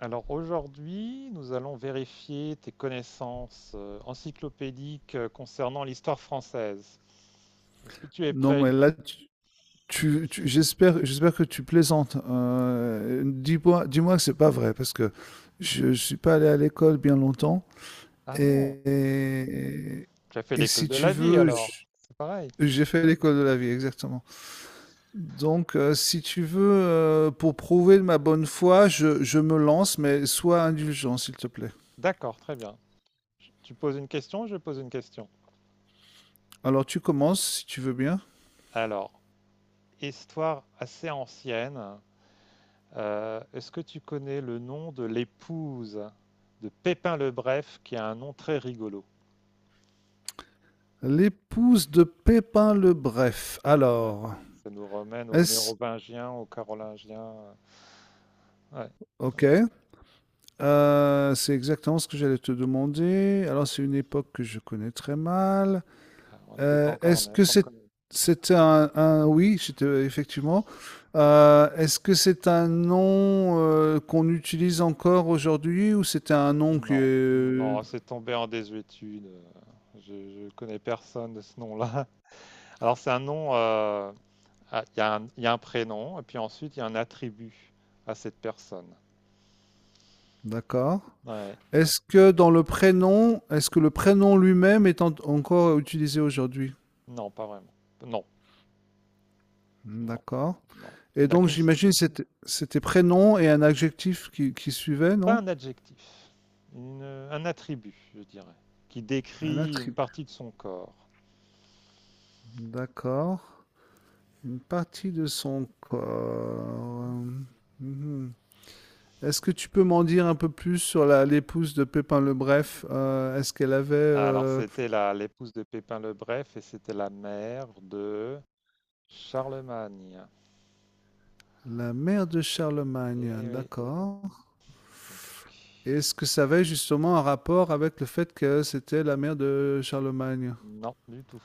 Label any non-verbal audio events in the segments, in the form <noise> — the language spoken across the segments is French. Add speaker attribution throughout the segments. Speaker 1: Alors aujourd'hui, nous allons vérifier tes connaissances encyclopédiques concernant l'histoire française. Est-ce que tu es
Speaker 2: Non,
Speaker 1: prêt?
Speaker 2: mais là, j'espère que tu plaisantes. Dis-moi que c'est pas vrai, parce que je suis pas allé à l'école bien longtemps.
Speaker 1: Ah bon,
Speaker 2: Et, et,
Speaker 1: tu as fait
Speaker 2: et
Speaker 1: l'école
Speaker 2: si
Speaker 1: de
Speaker 2: tu
Speaker 1: la vie
Speaker 2: veux,
Speaker 1: alors. C'est pareil.
Speaker 2: j'ai fait l'école de la vie, exactement. Donc, si tu veux, pour prouver ma bonne foi, je me lance, mais sois indulgent, s'il te plaît.
Speaker 1: D'accord, très bien. Tu poses une question, je pose une question.
Speaker 2: Alors, tu commences, si tu veux bien.
Speaker 1: Alors, histoire assez ancienne. Est-ce que tu connais le nom de l'épouse de Pépin le Bref, qui a un nom très rigolo?
Speaker 2: L'épouse de Pépin le Bref.
Speaker 1: Ouais. Ça nous ramène aux
Speaker 2: Est-ce...
Speaker 1: Mérovingiens, aux Carolingiens. Ouais.
Speaker 2: Ok. C'est exactement ce que j'allais te demander. Alors, c'est une époque que je connais très mal.
Speaker 1: Ah, on n'était pas encore
Speaker 2: Est-ce
Speaker 1: né.
Speaker 2: que c'est, c'était oui, c'était effectivement. Est-ce que c'est un nom qu'on utilise encore aujourd'hui, ou c'était un nom
Speaker 1: Non.
Speaker 2: que.
Speaker 1: Non, c'est tombé en désuétude. Je, je connais personne de ce nom-là. <laughs> Alors, c'est un nom. Il y a un, il y a un prénom, et puis ensuite, il y a un attribut à cette personne.
Speaker 2: D'accord.
Speaker 1: Ouais.
Speaker 2: Est-ce que dans le prénom, est-ce que le prénom lui-même est encore utilisé aujourd'hui?
Speaker 1: Non, pas vraiment. Non, non,
Speaker 2: D'accord.
Speaker 1: non. Il
Speaker 2: Et
Speaker 1: n'a
Speaker 2: donc,
Speaker 1: qu'une.
Speaker 2: j'imagine c'était prénom et un adjectif qui suivait,
Speaker 1: Pas
Speaker 2: non?
Speaker 1: un adjectif. Un attribut, je dirais, qui
Speaker 2: Un
Speaker 1: décrit une
Speaker 2: attribut.
Speaker 1: partie de son corps.
Speaker 2: D'accord. Une partie de son
Speaker 1: Mhm.
Speaker 2: corps. Mhm. Est-ce que tu peux m'en dire un peu plus sur l'épouse de Pépin le Bref? Est-ce qu'elle avait
Speaker 1: Alors, c'était l'épouse de Pépin le Bref, et c'était la mère de Charlemagne.
Speaker 2: la mère de
Speaker 1: Eh
Speaker 2: Charlemagne?
Speaker 1: oui.
Speaker 2: D'accord. Et est-ce que ça avait justement un rapport avec le fait que c'était la mère de Charlemagne?
Speaker 1: Non, du tout.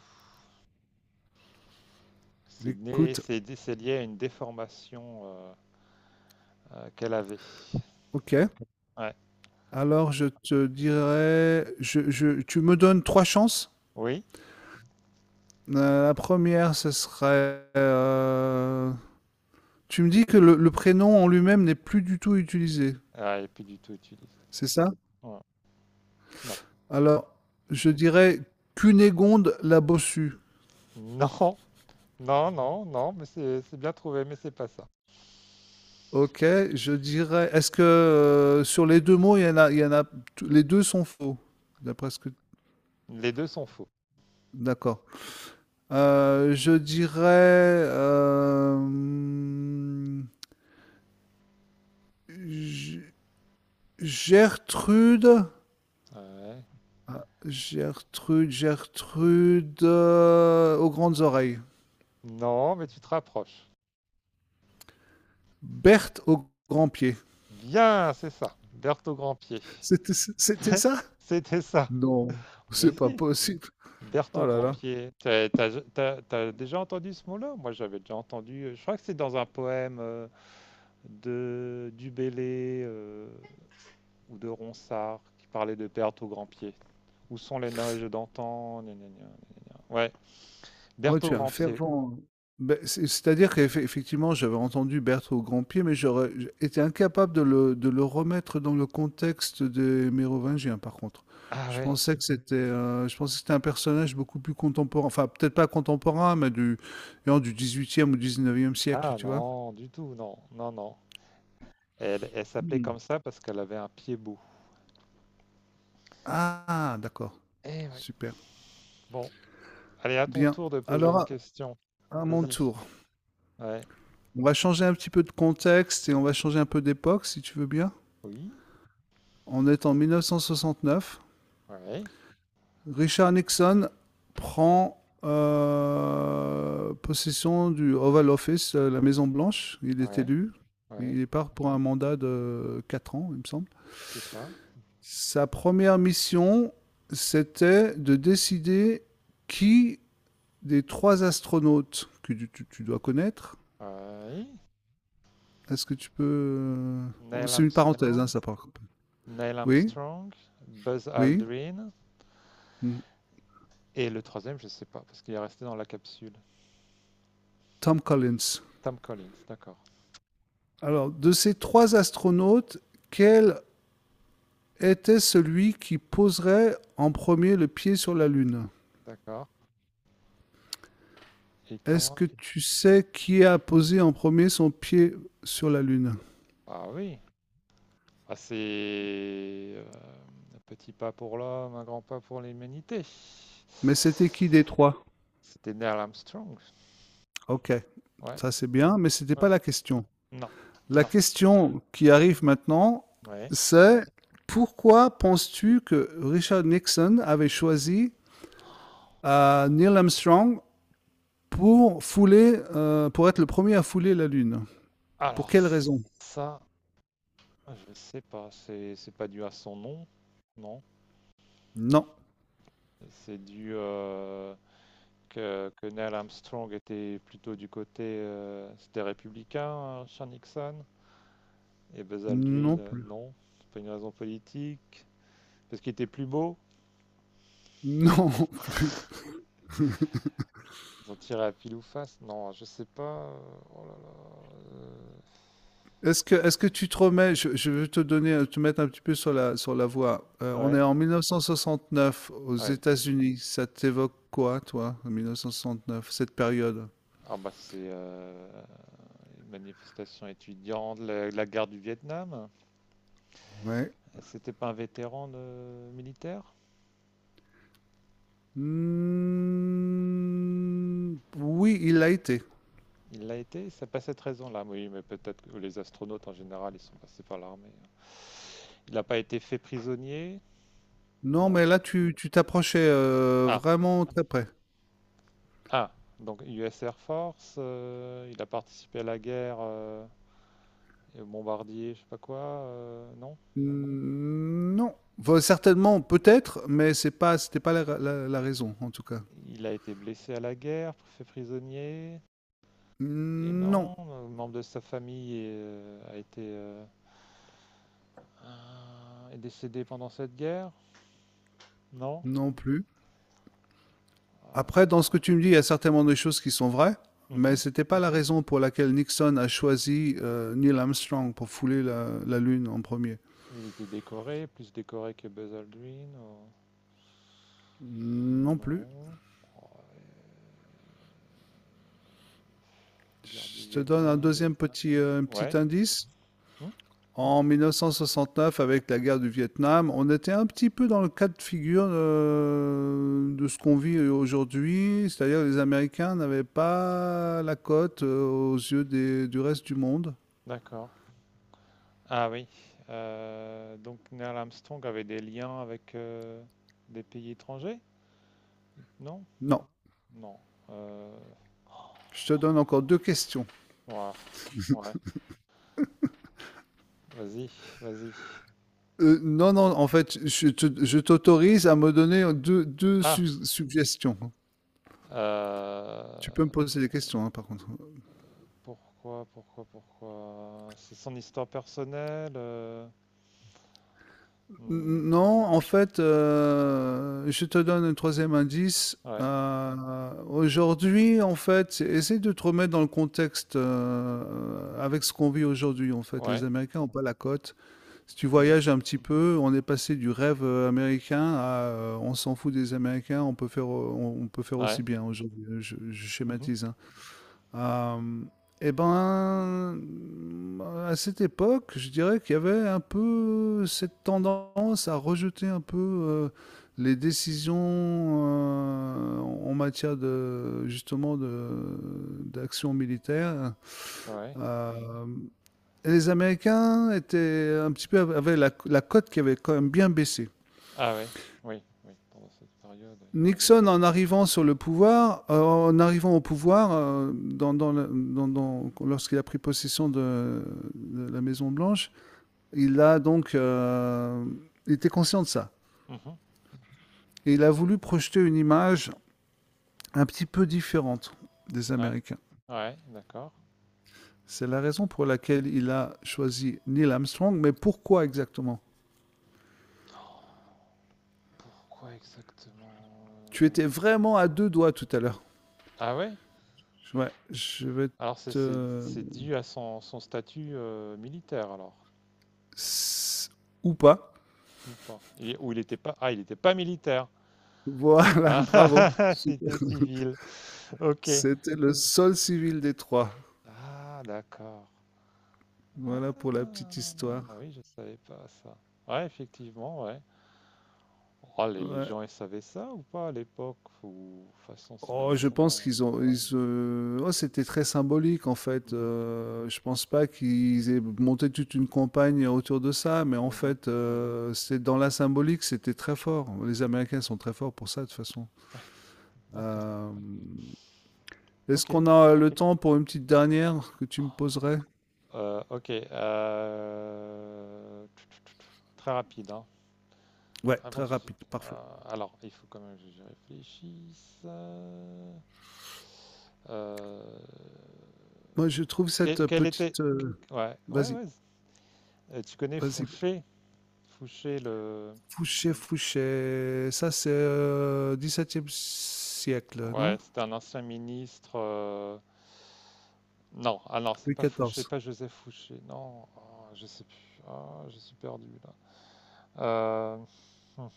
Speaker 1: C'est né,
Speaker 2: Écoute,
Speaker 1: c'est dé- C'est lié à une déformation qu'elle avait.
Speaker 2: ok.
Speaker 1: Ouais.
Speaker 2: Alors je te dirais, tu me donnes trois chances.
Speaker 1: Oui.
Speaker 2: La première, ce serait, tu me dis que le prénom en lui-même n'est plus du tout utilisé,
Speaker 1: Ah, et puis du tout utilisé.
Speaker 2: c'est ça?
Speaker 1: Ouais. Non. <laughs>
Speaker 2: Alors, je dirais Cunégonde la bossue.
Speaker 1: Non. Non, non, non, mais c'est bien trouvé, mais c'est pas ça.
Speaker 2: Ok, je dirais. Est-ce que sur les deux mots, il y en a, les deux sont faux, d'après ce que.
Speaker 1: Les deux sont faux.
Speaker 2: D'accord. Je dirais G- Gertrude.
Speaker 1: Ouais.
Speaker 2: Ah, Gertrude aux grandes oreilles.
Speaker 1: Non, mais tu te rapproches.
Speaker 2: Berthe aux grands pieds.
Speaker 1: Bien, c'est ça. Berthe au grand pied.
Speaker 2: C'était ça?
Speaker 1: C'était ça.
Speaker 2: Non, c'est
Speaker 1: Mais
Speaker 2: pas
Speaker 1: si.
Speaker 2: possible.
Speaker 1: Berthe
Speaker 2: Oh
Speaker 1: au
Speaker 2: là
Speaker 1: grand
Speaker 2: là.
Speaker 1: pied. T'as déjà entendu ce mot-là? Moi, j'avais déjà entendu. Je crois que c'est dans un poème. De Dubélé ou de Ronsard qui parlaient de Berthe au grand pied. Où sont les neiges d'antan gna, gna, gna. Ouais,
Speaker 2: Ouais,
Speaker 1: Berthe au
Speaker 2: tu es un
Speaker 1: grand pied.
Speaker 2: fervent. C'est-à-dire qu'effectivement, j'avais entendu Berthe au Grand-Pied, mais j'aurais été incapable de le remettre dans le contexte des Mérovingiens, par contre.
Speaker 1: Ah ouais.
Speaker 2: Je pensais que c'était un personnage beaucoup plus contemporain, enfin peut-être pas contemporain, mais du, non, du 18e ou 19e siècle,
Speaker 1: Ah
Speaker 2: tu vois.
Speaker 1: non, du tout, non, non, non. Elle s'appelait
Speaker 2: Hmm.
Speaker 1: comme ça parce qu'elle avait un pied beau.
Speaker 2: Ah, d'accord.
Speaker 1: Eh ouais.
Speaker 2: Super.
Speaker 1: Bon, allez, à ton
Speaker 2: Bien.
Speaker 1: tour de poser
Speaker 2: Alors,
Speaker 1: une question.
Speaker 2: à mon
Speaker 1: Vas-y.
Speaker 2: tour.
Speaker 1: Ouais.
Speaker 2: On va changer un petit peu de contexte et on va changer un peu d'époque, si tu veux bien.
Speaker 1: Oui.
Speaker 2: On est en 1969.
Speaker 1: Ouais.
Speaker 2: Richard Nixon prend possession du Oval Office, la Maison Blanche. Il est
Speaker 1: Ouais.
Speaker 2: élu.
Speaker 1: Ouais.
Speaker 2: Il part pour un mandat de 4 ans, il me semble.
Speaker 1: C'est ça.
Speaker 2: Sa première mission, c'était de décider qui des trois astronautes que tu dois connaître.
Speaker 1: Ouais.
Speaker 2: Est-ce que tu peux...
Speaker 1: Neil
Speaker 2: C'est une parenthèse, hein,
Speaker 1: Armstrong.
Speaker 2: ça par.
Speaker 1: Neil
Speaker 2: Oui,
Speaker 1: Armstrong. Buzz
Speaker 2: oui.
Speaker 1: Aldrin.
Speaker 2: Hmm.
Speaker 1: Et le troisième, je sais pas, parce qu'il est resté dans la capsule.
Speaker 2: Tom Collins.
Speaker 1: Tom Collins, d'accord.
Speaker 2: Alors, de ces trois astronautes, quel était celui qui poserait en premier le pied sur la Lune?
Speaker 1: D'accord. Et
Speaker 2: Est-ce
Speaker 1: comment...
Speaker 2: que tu sais qui a posé en premier son pied sur la Lune?
Speaker 1: Ah oui, ah, c'est un petit pas pour l'homme, un grand pas pour l'humanité.
Speaker 2: Mais c'était qui des trois?
Speaker 1: C'était Neil Armstrong.
Speaker 2: Ok,
Speaker 1: Ouais.
Speaker 2: ça c'est bien, mais c'était
Speaker 1: Ouais.
Speaker 2: pas la question.
Speaker 1: Non.
Speaker 2: La question qui arrive maintenant,
Speaker 1: Ouais.
Speaker 2: c'est pourquoi penses-tu que Richard Nixon avait choisi Neil Armstrong pour fouler, pour être le premier à fouler la Lune. Pour
Speaker 1: Alors
Speaker 2: quelle raison?
Speaker 1: ça, je sais pas. C'est pas dû à son nom, non.
Speaker 2: Non,
Speaker 1: C'est dû Que Neil Armstrong était plutôt du côté c'était républicain, hein, Sean Nixon. Et Buzz Aldrin,
Speaker 2: non plus.
Speaker 1: non. C'est pas une raison politique. Parce qu'il était plus beau.
Speaker 2: Non <laughs> plus.
Speaker 1: Ils ont tiré à pile ou face. Non, je sais pas. Oh là là. euh,
Speaker 2: Est-ce que tu te remets, je vais te donner, te mettre un petit peu sur sur la voie. On est
Speaker 1: Ouais.
Speaker 2: en 1969 aux
Speaker 1: Ouais.
Speaker 2: États-Unis. Ça t'évoque quoi, toi, en 1969, cette période?
Speaker 1: Ah bah c'est Une manifestation étudiante, la guerre du Vietnam.
Speaker 2: Ouais.
Speaker 1: C'était pas un vétéran militaire?
Speaker 2: Hmm, oui, il l'a été.
Speaker 1: Il l'a été, c'est pas cette raison-là. Oui, mais peut-être que les astronautes en général, ils sont passés par l'armée. Il n'a pas été fait prisonnier?
Speaker 2: Non,
Speaker 1: Non.
Speaker 2: mais là, tu t'approchais
Speaker 1: Ah,
Speaker 2: vraiment très près.
Speaker 1: Ah, donc US Air Force, il a participé à la guerre et au bombardier, je sais pas quoi, non?
Speaker 2: Mmh, non. Enfin, certainement, peut-être, mais c'est pas, c'était pas la raison, en tout cas.
Speaker 1: Il a été blessé à la guerre, fait prisonnier, et
Speaker 2: Non,
Speaker 1: non, un membre de sa famille a été euh, est décédé pendant cette guerre, non?
Speaker 2: non plus.
Speaker 1: Euh,
Speaker 2: Après, dans ce que tu me dis, il y a certainement des choses qui sont vraies, mais
Speaker 1: mhm.
Speaker 2: c'était pas la raison pour laquelle Nixon a choisi Neil Armstrong pour fouler la Lune en premier.
Speaker 1: Il était décoré, plus décoré que Buzz Aldrin, ou-
Speaker 2: Non plus.
Speaker 1: non? Guerre du
Speaker 2: Je te donne un
Speaker 1: Vietnam,
Speaker 2: deuxième petit,
Speaker 1: ouais,
Speaker 2: petit indice.
Speaker 1: hmm,
Speaker 2: En 1969, avec la guerre du Vietnam, on était un petit peu dans le cas de figure de ce qu'on vit aujourd'hui, c'est-à-dire que les Américains n'avaient pas la cote aux yeux du reste du monde.
Speaker 1: d'accord. Ah oui, donc Neil Armstrong avait des liens avec des pays étrangers? Non?
Speaker 2: Non,
Speaker 1: Non. Euh,
Speaker 2: je te donne encore deux questions.
Speaker 1: ouais, ouais. Vas-y, vas-y.
Speaker 2: Non, non, en fait, je t'autorise à me donner deux
Speaker 1: Ah,
Speaker 2: suggestions.
Speaker 1: euh,
Speaker 2: Tu peux me poser des questions, hein, par contre.
Speaker 1: pourquoi? C'est son histoire personnelle. Hmm,
Speaker 2: Non, en fait, je te donne un troisième indice.
Speaker 1: ouais,
Speaker 2: Aujourd'hui, en fait, essaie de te remettre dans le contexte avec ce qu'on vit aujourd'hui. En fait, les
Speaker 1: ouais,
Speaker 2: Américains n'ont pas la cote. Si tu
Speaker 1: mhm,
Speaker 2: voyages un petit peu, on est passé du rêve américain à on s'en fout des Américains, on peut faire, on peut faire
Speaker 1: ouais,
Speaker 2: aussi bien aujourd'hui. Je
Speaker 1: mhm,
Speaker 2: schématise, hein. Euh, eh ben, à cette époque, je dirais qu'il y avait un peu cette tendance à rejeter un peu les décisions en matière de justement de d'action militaire.
Speaker 1: ouais.
Speaker 2: Euh, et les Américains étaient un petit peu avaient la cote qui avait quand même bien baissé.
Speaker 1: Ah oui, oui, oui, pendant cette période. Oui.
Speaker 2: Nixon, en arrivant sur le pouvoir, en arrivant au pouvoir, lorsqu'il a pris possession de la Maison Blanche, il a donc, il était conscient de ça,
Speaker 1: Mhm,
Speaker 2: et il a voulu projeter une image un petit peu différente des
Speaker 1: ouais,
Speaker 2: Américains.
Speaker 1: ouais, d'accord.
Speaker 2: C'est la raison pour laquelle il a choisi Neil Armstrong, mais pourquoi exactement?
Speaker 1: Oh, pourquoi exactement?
Speaker 2: Tu étais vraiment à deux doigts tout à l'heure.
Speaker 1: Ah ouais?
Speaker 2: Ouais,
Speaker 1: Alors
Speaker 2: te...
Speaker 1: c'est dû à son statut militaire alors,
Speaker 2: ou pas.
Speaker 1: ou pas? Ou il n'était pas... Ah, il n'était pas militaire.
Speaker 2: Voilà, <laughs>
Speaker 1: Ah, <laughs> ah,
Speaker 2: bravo.
Speaker 1: ah,
Speaker 2: Super.
Speaker 1: c'était civil. Ok.
Speaker 2: C'était le seul civil des trois.
Speaker 1: Ah, d'accord.
Speaker 2: Voilà pour la
Speaker 1: Ah,
Speaker 2: petite histoire.
Speaker 1: oui, je savais pas ça. Ouais, effectivement, ouais. Oh, les
Speaker 2: Ouais.
Speaker 1: gens, ils savaient ça ou pas à l'époque? Ou, de toute façon, c'est la
Speaker 2: Oh,
Speaker 1: NASA.
Speaker 2: je pense qu'ils ont, oh, c'était très symbolique en fait. Je pense pas qu'ils aient monté toute une campagne autour de ça, mais en
Speaker 1: Mhm, mhm.
Speaker 2: fait, c'est dans la symbolique, c'était très fort. Les Américains sont très forts pour ça de toute façon.
Speaker 1: Ouais, d'accord.
Speaker 2: Euh, est-ce
Speaker 1: Ok.
Speaker 2: qu'on a le temps pour une petite dernière que tu me poserais?
Speaker 1: Ok. Très rapide, hein.
Speaker 2: Ouais,
Speaker 1: Avant
Speaker 2: très
Speaker 1: tout de suite.
Speaker 2: rapide, parfait.
Speaker 1: Alors, il faut quand même que j'y réfléchisse. Euh,
Speaker 2: Moi, je trouve
Speaker 1: quel,
Speaker 2: cette
Speaker 1: quel était.
Speaker 2: petite.
Speaker 1: Ouais, ouais,
Speaker 2: Vas-y,
Speaker 1: ouais. Tu connais
Speaker 2: vas-y.
Speaker 1: Fouché? Fouché, le.
Speaker 2: Fouché, Fouché. Ça, c'est 17e siècle,
Speaker 1: Ouais,
Speaker 2: non?
Speaker 1: c'était un ancien ministre. Non, ah non, c'est
Speaker 2: Louis
Speaker 1: pas Fouché,
Speaker 2: XIV.
Speaker 1: pas Joseph Fouché. Non, ah, je sais plus. Ah, je suis perdu là. Euh, hum,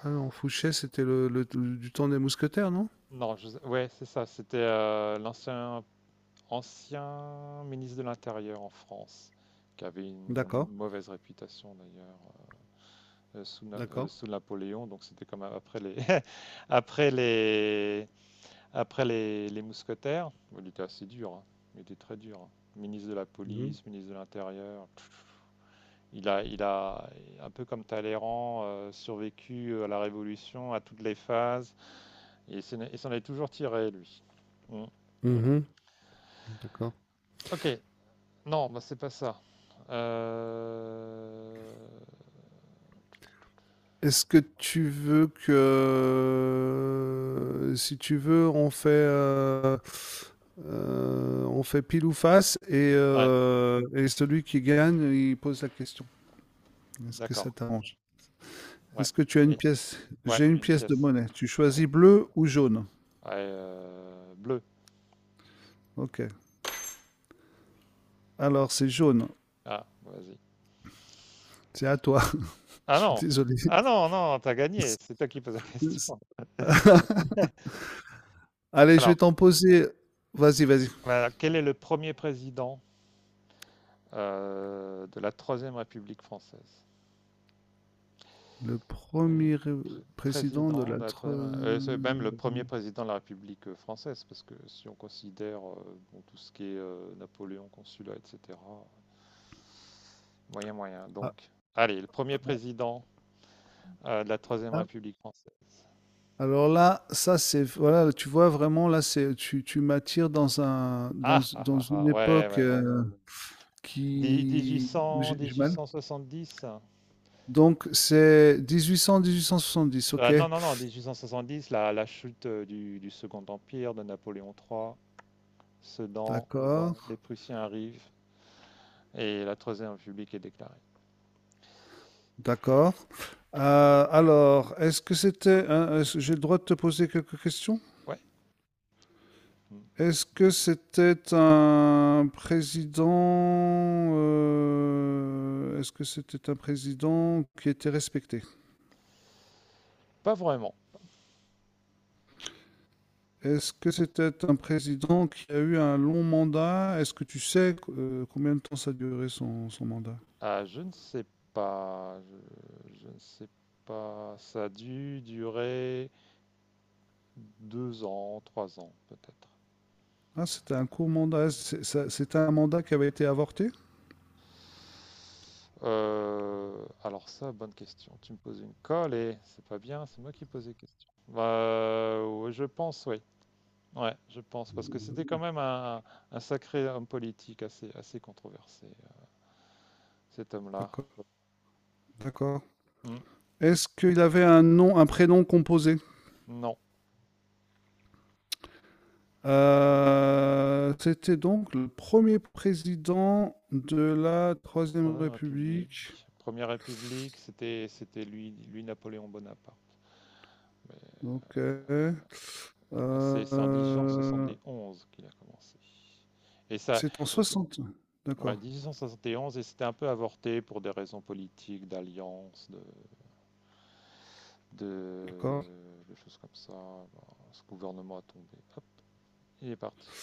Speaker 2: Ah non, Fouché, c'était du temps des mousquetaires, non?
Speaker 1: Non, Joseph- ouais, c'est ça. C'était L'ancien ancien ministre de l'Intérieur en France, qui avait
Speaker 2: D'accord,
Speaker 1: une mauvaise réputation d'ailleurs euh, sous,
Speaker 2: d'accord.
Speaker 1: sous Napoléon. Donc c'était comme <laughs> après les, après les mousquetaires. Bon, il était assez dur, hein. Il était très dur, hein. Ministre de la
Speaker 2: Mhm,
Speaker 1: police, ministre de l'Intérieur. Il a, il a, un peu comme Talleyrand, survécu à la Révolution, à toutes les phases, et s'en est toujours tiré, lui. Mm.
Speaker 2: d'accord.
Speaker 1: Ok. Non, bah, c'est pas ça. Euh,
Speaker 2: Est-ce que tu veux que, si tu veux, on fait pile ou face
Speaker 1: Ouais,
Speaker 2: et celui qui gagne, il pose la question. Est-ce que ça
Speaker 1: d'accord.
Speaker 2: t'arrange?
Speaker 1: Ouais.
Speaker 2: Est-ce que tu as une
Speaker 1: Et-
Speaker 2: pièce?
Speaker 1: ouais,
Speaker 2: J'ai
Speaker 1: j'ai
Speaker 2: une
Speaker 1: une
Speaker 2: pièce de
Speaker 1: pièce.
Speaker 2: monnaie. Tu
Speaker 1: Ouais.
Speaker 2: choisis bleu ou jaune?
Speaker 1: Ouais, bleu.
Speaker 2: Ok. Alors, c'est jaune.
Speaker 1: Ah, vas-y.
Speaker 2: C'est à toi. <laughs> Je
Speaker 1: Ah
Speaker 2: suis
Speaker 1: non!
Speaker 2: désolé.
Speaker 1: Ah non, non, t'as gagné. C'est toi qui poses la
Speaker 2: <laughs>
Speaker 1: question. <laughs>
Speaker 2: Allez, je vais
Speaker 1: Alors,
Speaker 2: t'en poser. Vas-y, vas-y.
Speaker 1: voilà, quel est le premier président de la Troisième République française?
Speaker 2: Le
Speaker 1: Premier
Speaker 2: premier président de
Speaker 1: Président
Speaker 2: la,
Speaker 1: de la Troisième... C'est même le premier président de la République française, parce que si on considère bon, tout ce qui est Napoléon, consulat, etc. Moyen, moyen. Donc,
Speaker 2: ah,
Speaker 1: allez, le premier président de la Troisième
Speaker 2: ah.
Speaker 1: République française.
Speaker 2: Alors là, ça c'est voilà, tu vois vraiment là c'est tu m'attires dans
Speaker 1: Ah, ah,
Speaker 2: dans
Speaker 1: ah,
Speaker 2: une
Speaker 1: ah, ouais,
Speaker 2: époque
Speaker 1: ouais, bon.
Speaker 2: qui
Speaker 1: 1800,
Speaker 2: j'ai mal.
Speaker 1: 1870.
Speaker 2: Donc c'est 1800 1870,
Speaker 1: Ah,
Speaker 2: ok,
Speaker 1: non, non, non, 1870, la chute du Second Empire de Napoléon III, Sedan,
Speaker 2: d'accord.
Speaker 1: les Prussiens arrivent et la Troisième République est déclarée.
Speaker 2: D'accord. Alors, est-ce que c'était j'ai le droit de te poser quelques questions?
Speaker 1: Ouais, hmm.
Speaker 2: Est-ce que c'était un président est-ce que c'était un président qui était respecté?
Speaker 1: Pas vraiment.
Speaker 2: Est-ce que c'était un président qui a eu un long mandat? Est-ce que tu sais combien de temps ça a duré son mandat?
Speaker 1: Ah, pas, je, je ne sais pas. Ça a dû durer deux ans, trois ans peut-être.
Speaker 2: Ah, c'était un court mandat. C'était un mandat qui avait été avorté?
Speaker 1: Alors ça, bonne question. Tu me poses une colle et c'est pas bien, c'est moi qui pose les questions. Bah, ouais, je pense, oui. Ouais, je pense, parce que c'était quand même un sacré homme politique assez controversé, cet homme-là.
Speaker 2: D'accord, d'accord.
Speaker 1: Hmm.
Speaker 2: Est-ce qu'il avait un nom, un prénom composé?
Speaker 1: Non,
Speaker 2: C'était donc le premier président de la Troisième
Speaker 1: Troisième
Speaker 2: République.
Speaker 1: République. Première République, c'était lui Napoléon Bonaparte. Mais
Speaker 2: Donc,
Speaker 1: là, c'est en
Speaker 2: euh,
Speaker 1: 1871 qu'il a commencé. Et ça,
Speaker 2: c'est en soixante.
Speaker 1: ouais,
Speaker 2: D'accord,
Speaker 1: 1871, et onze, et c'était un peu avorté pour des raisons politiques, d'alliance, de,
Speaker 2: d'accord.
Speaker 1: de choses comme ça. Bon, ce gouvernement a tombé. Hop, il est parti.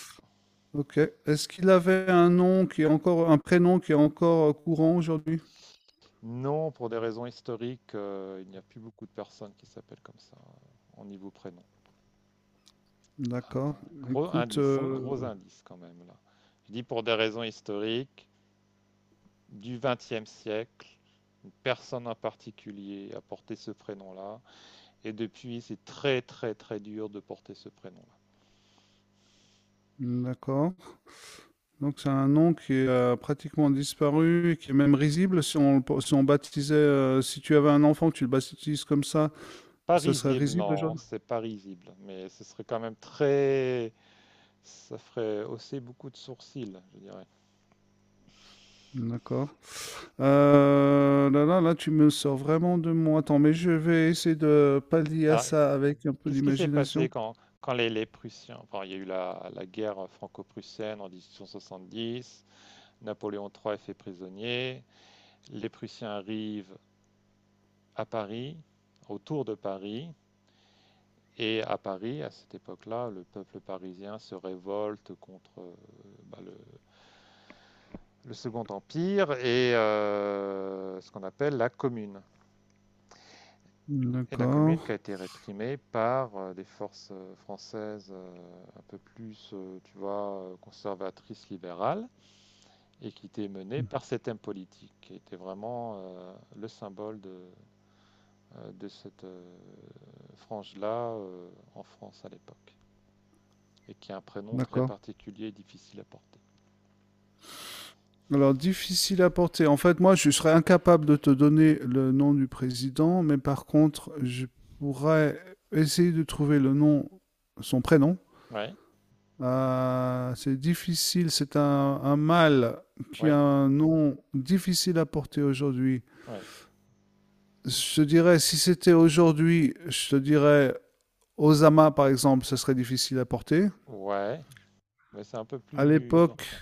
Speaker 2: Ok. Est-ce qu'il avait un nom qui est encore, un prénom qui est encore courant aujourd'hui?
Speaker 1: Non, pour des raisons historiques, il n'y a plus beaucoup de personnes qui s'appellent comme ça en niveau prénom.
Speaker 2: D'accord.
Speaker 1: Gros
Speaker 2: Écoute,
Speaker 1: indice, gros indice quand même là. Je dis pour des raisons historiques du XXe siècle. Une personne en particulier a porté ce prénom-là, et depuis, c'est très très très dur de porter ce prénom-là.
Speaker 2: d'accord. Donc c'est un nom qui est pratiquement disparu et qui est même risible. Si on baptisait, si tu avais un enfant, tu le baptises comme ça,
Speaker 1: Pas
Speaker 2: ça serait
Speaker 1: risible,
Speaker 2: risible
Speaker 1: non,
Speaker 2: aujourd'hui?
Speaker 1: c'est pas risible, mais ce serait quand même très. Ça ferait hausser beaucoup de sourcils, je dirais.
Speaker 2: D'accord. Là, là, là, tu me sors vraiment de mon. Attends, mais je vais essayer de pallier à
Speaker 1: Alors,
Speaker 2: ça avec un peu
Speaker 1: qu'est-ce qui s'est passé
Speaker 2: d'imagination.
Speaker 1: quand les Prussiens, enfin, il y a eu la guerre franco-prussienne en 1870, Napoléon III est fait prisonnier, les Prussiens arrivent à Paris, autour de Paris, et à Paris, à cette époque-là, le peuple parisien se révolte contre bah, le, le Second Empire et ce qu'on appelle la Commune. Et la
Speaker 2: D'accord.
Speaker 1: commune qui a été réprimée par des forces françaises un peu plus, tu vois, conservatrices libérales, et qui était menée par cet homme politique, qui était vraiment le symbole de cette frange-là en France à l'époque, et qui a un prénom très
Speaker 2: D'accord.
Speaker 1: particulier et difficile à porter.
Speaker 2: Alors, difficile à porter. En fait, moi, je serais incapable de te donner le nom du président, mais par contre, je pourrais essayer de trouver le nom, son prénom.
Speaker 1: Ouais,
Speaker 2: C'est difficile, c'est un mâle qui a
Speaker 1: ouais,
Speaker 2: un nom difficile à porter aujourd'hui.
Speaker 1: ouais,
Speaker 2: Je te dirais, si c'était aujourd'hui, je te dirais Osama, par exemple, ce serait difficile à porter.
Speaker 1: ouais, mais c'est un peu
Speaker 2: À
Speaker 1: plus
Speaker 2: l'époque,
Speaker 1: ancien.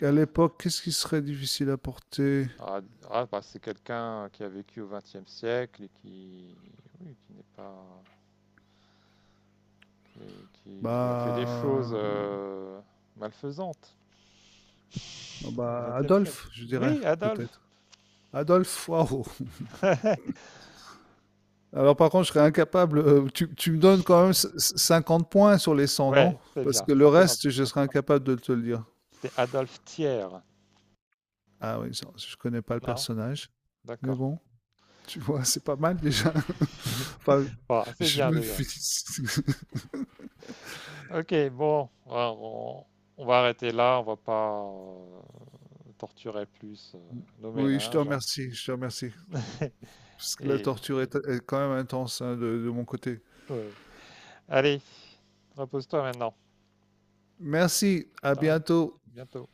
Speaker 2: à l'époque, qu'est-ce qui serait difficile à porter?
Speaker 1: Ah, ah, bah, c'est quelqu'un qui a vécu au XXe siècle oui, qui n'est pas et qui a fait des choses
Speaker 2: Bah,
Speaker 1: malfaisantes
Speaker 2: ah
Speaker 1: au
Speaker 2: bah,
Speaker 1: XXe siècle.
Speaker 2: Adolphe, je dirais,
Speaker 1: Oui, Adolphe.
Speaker 2: peut-être. Adolphe, waouh.
Speaker 1: <laughs>
Speaker 2: Alors, par contre, je serais incapable. Tu me donnes quand même 50 points sur les 100, non?
Speaker 1: Ouais, c'est
Speaker 2: Parce
Speaker 1: bien.
Speaker 2: que le
Speaker 1: 50.
Speaker 2: reste, je serais incapable de te le dire.
Speaker 1: C'était Adolphe Thiers.
Speaker 2: Ah oui, ça, je connais pas le
Speaker 1: Non,
Speaker 2: personnage. Mais
Speaker 1: d'accord.
Speaker 2: bon, tu vois, c'est pas mal déjà. <laughs> Enfin,
Speaker 1: Bon, c'est
Speaker 2: je
Speaker 1: bien
Speaker 2: me
Speaker 1: déjà.
Speaker 2: félicite. <laughs>
Speaker 1: Ok, bon, alors, on va arrêter là. On va pas torturer plus nos
Speaker 2: Oui, je te
Speaker 1: méninges.
Speaker 2: remercie, je te remercie.
Speaker 1: <laughs>
Speaker 2: Parce que la
Speaker 1: Et
Speaker 2: torture est, est quand même intense hein, de mon côté.
Speaker 1: ouais. Allez, repose-toi maintenant.
Speaker 2: Merci, à
Speaker 1: De rien.
Speaker 2: bientôt.
Speaker 1: Bientôt.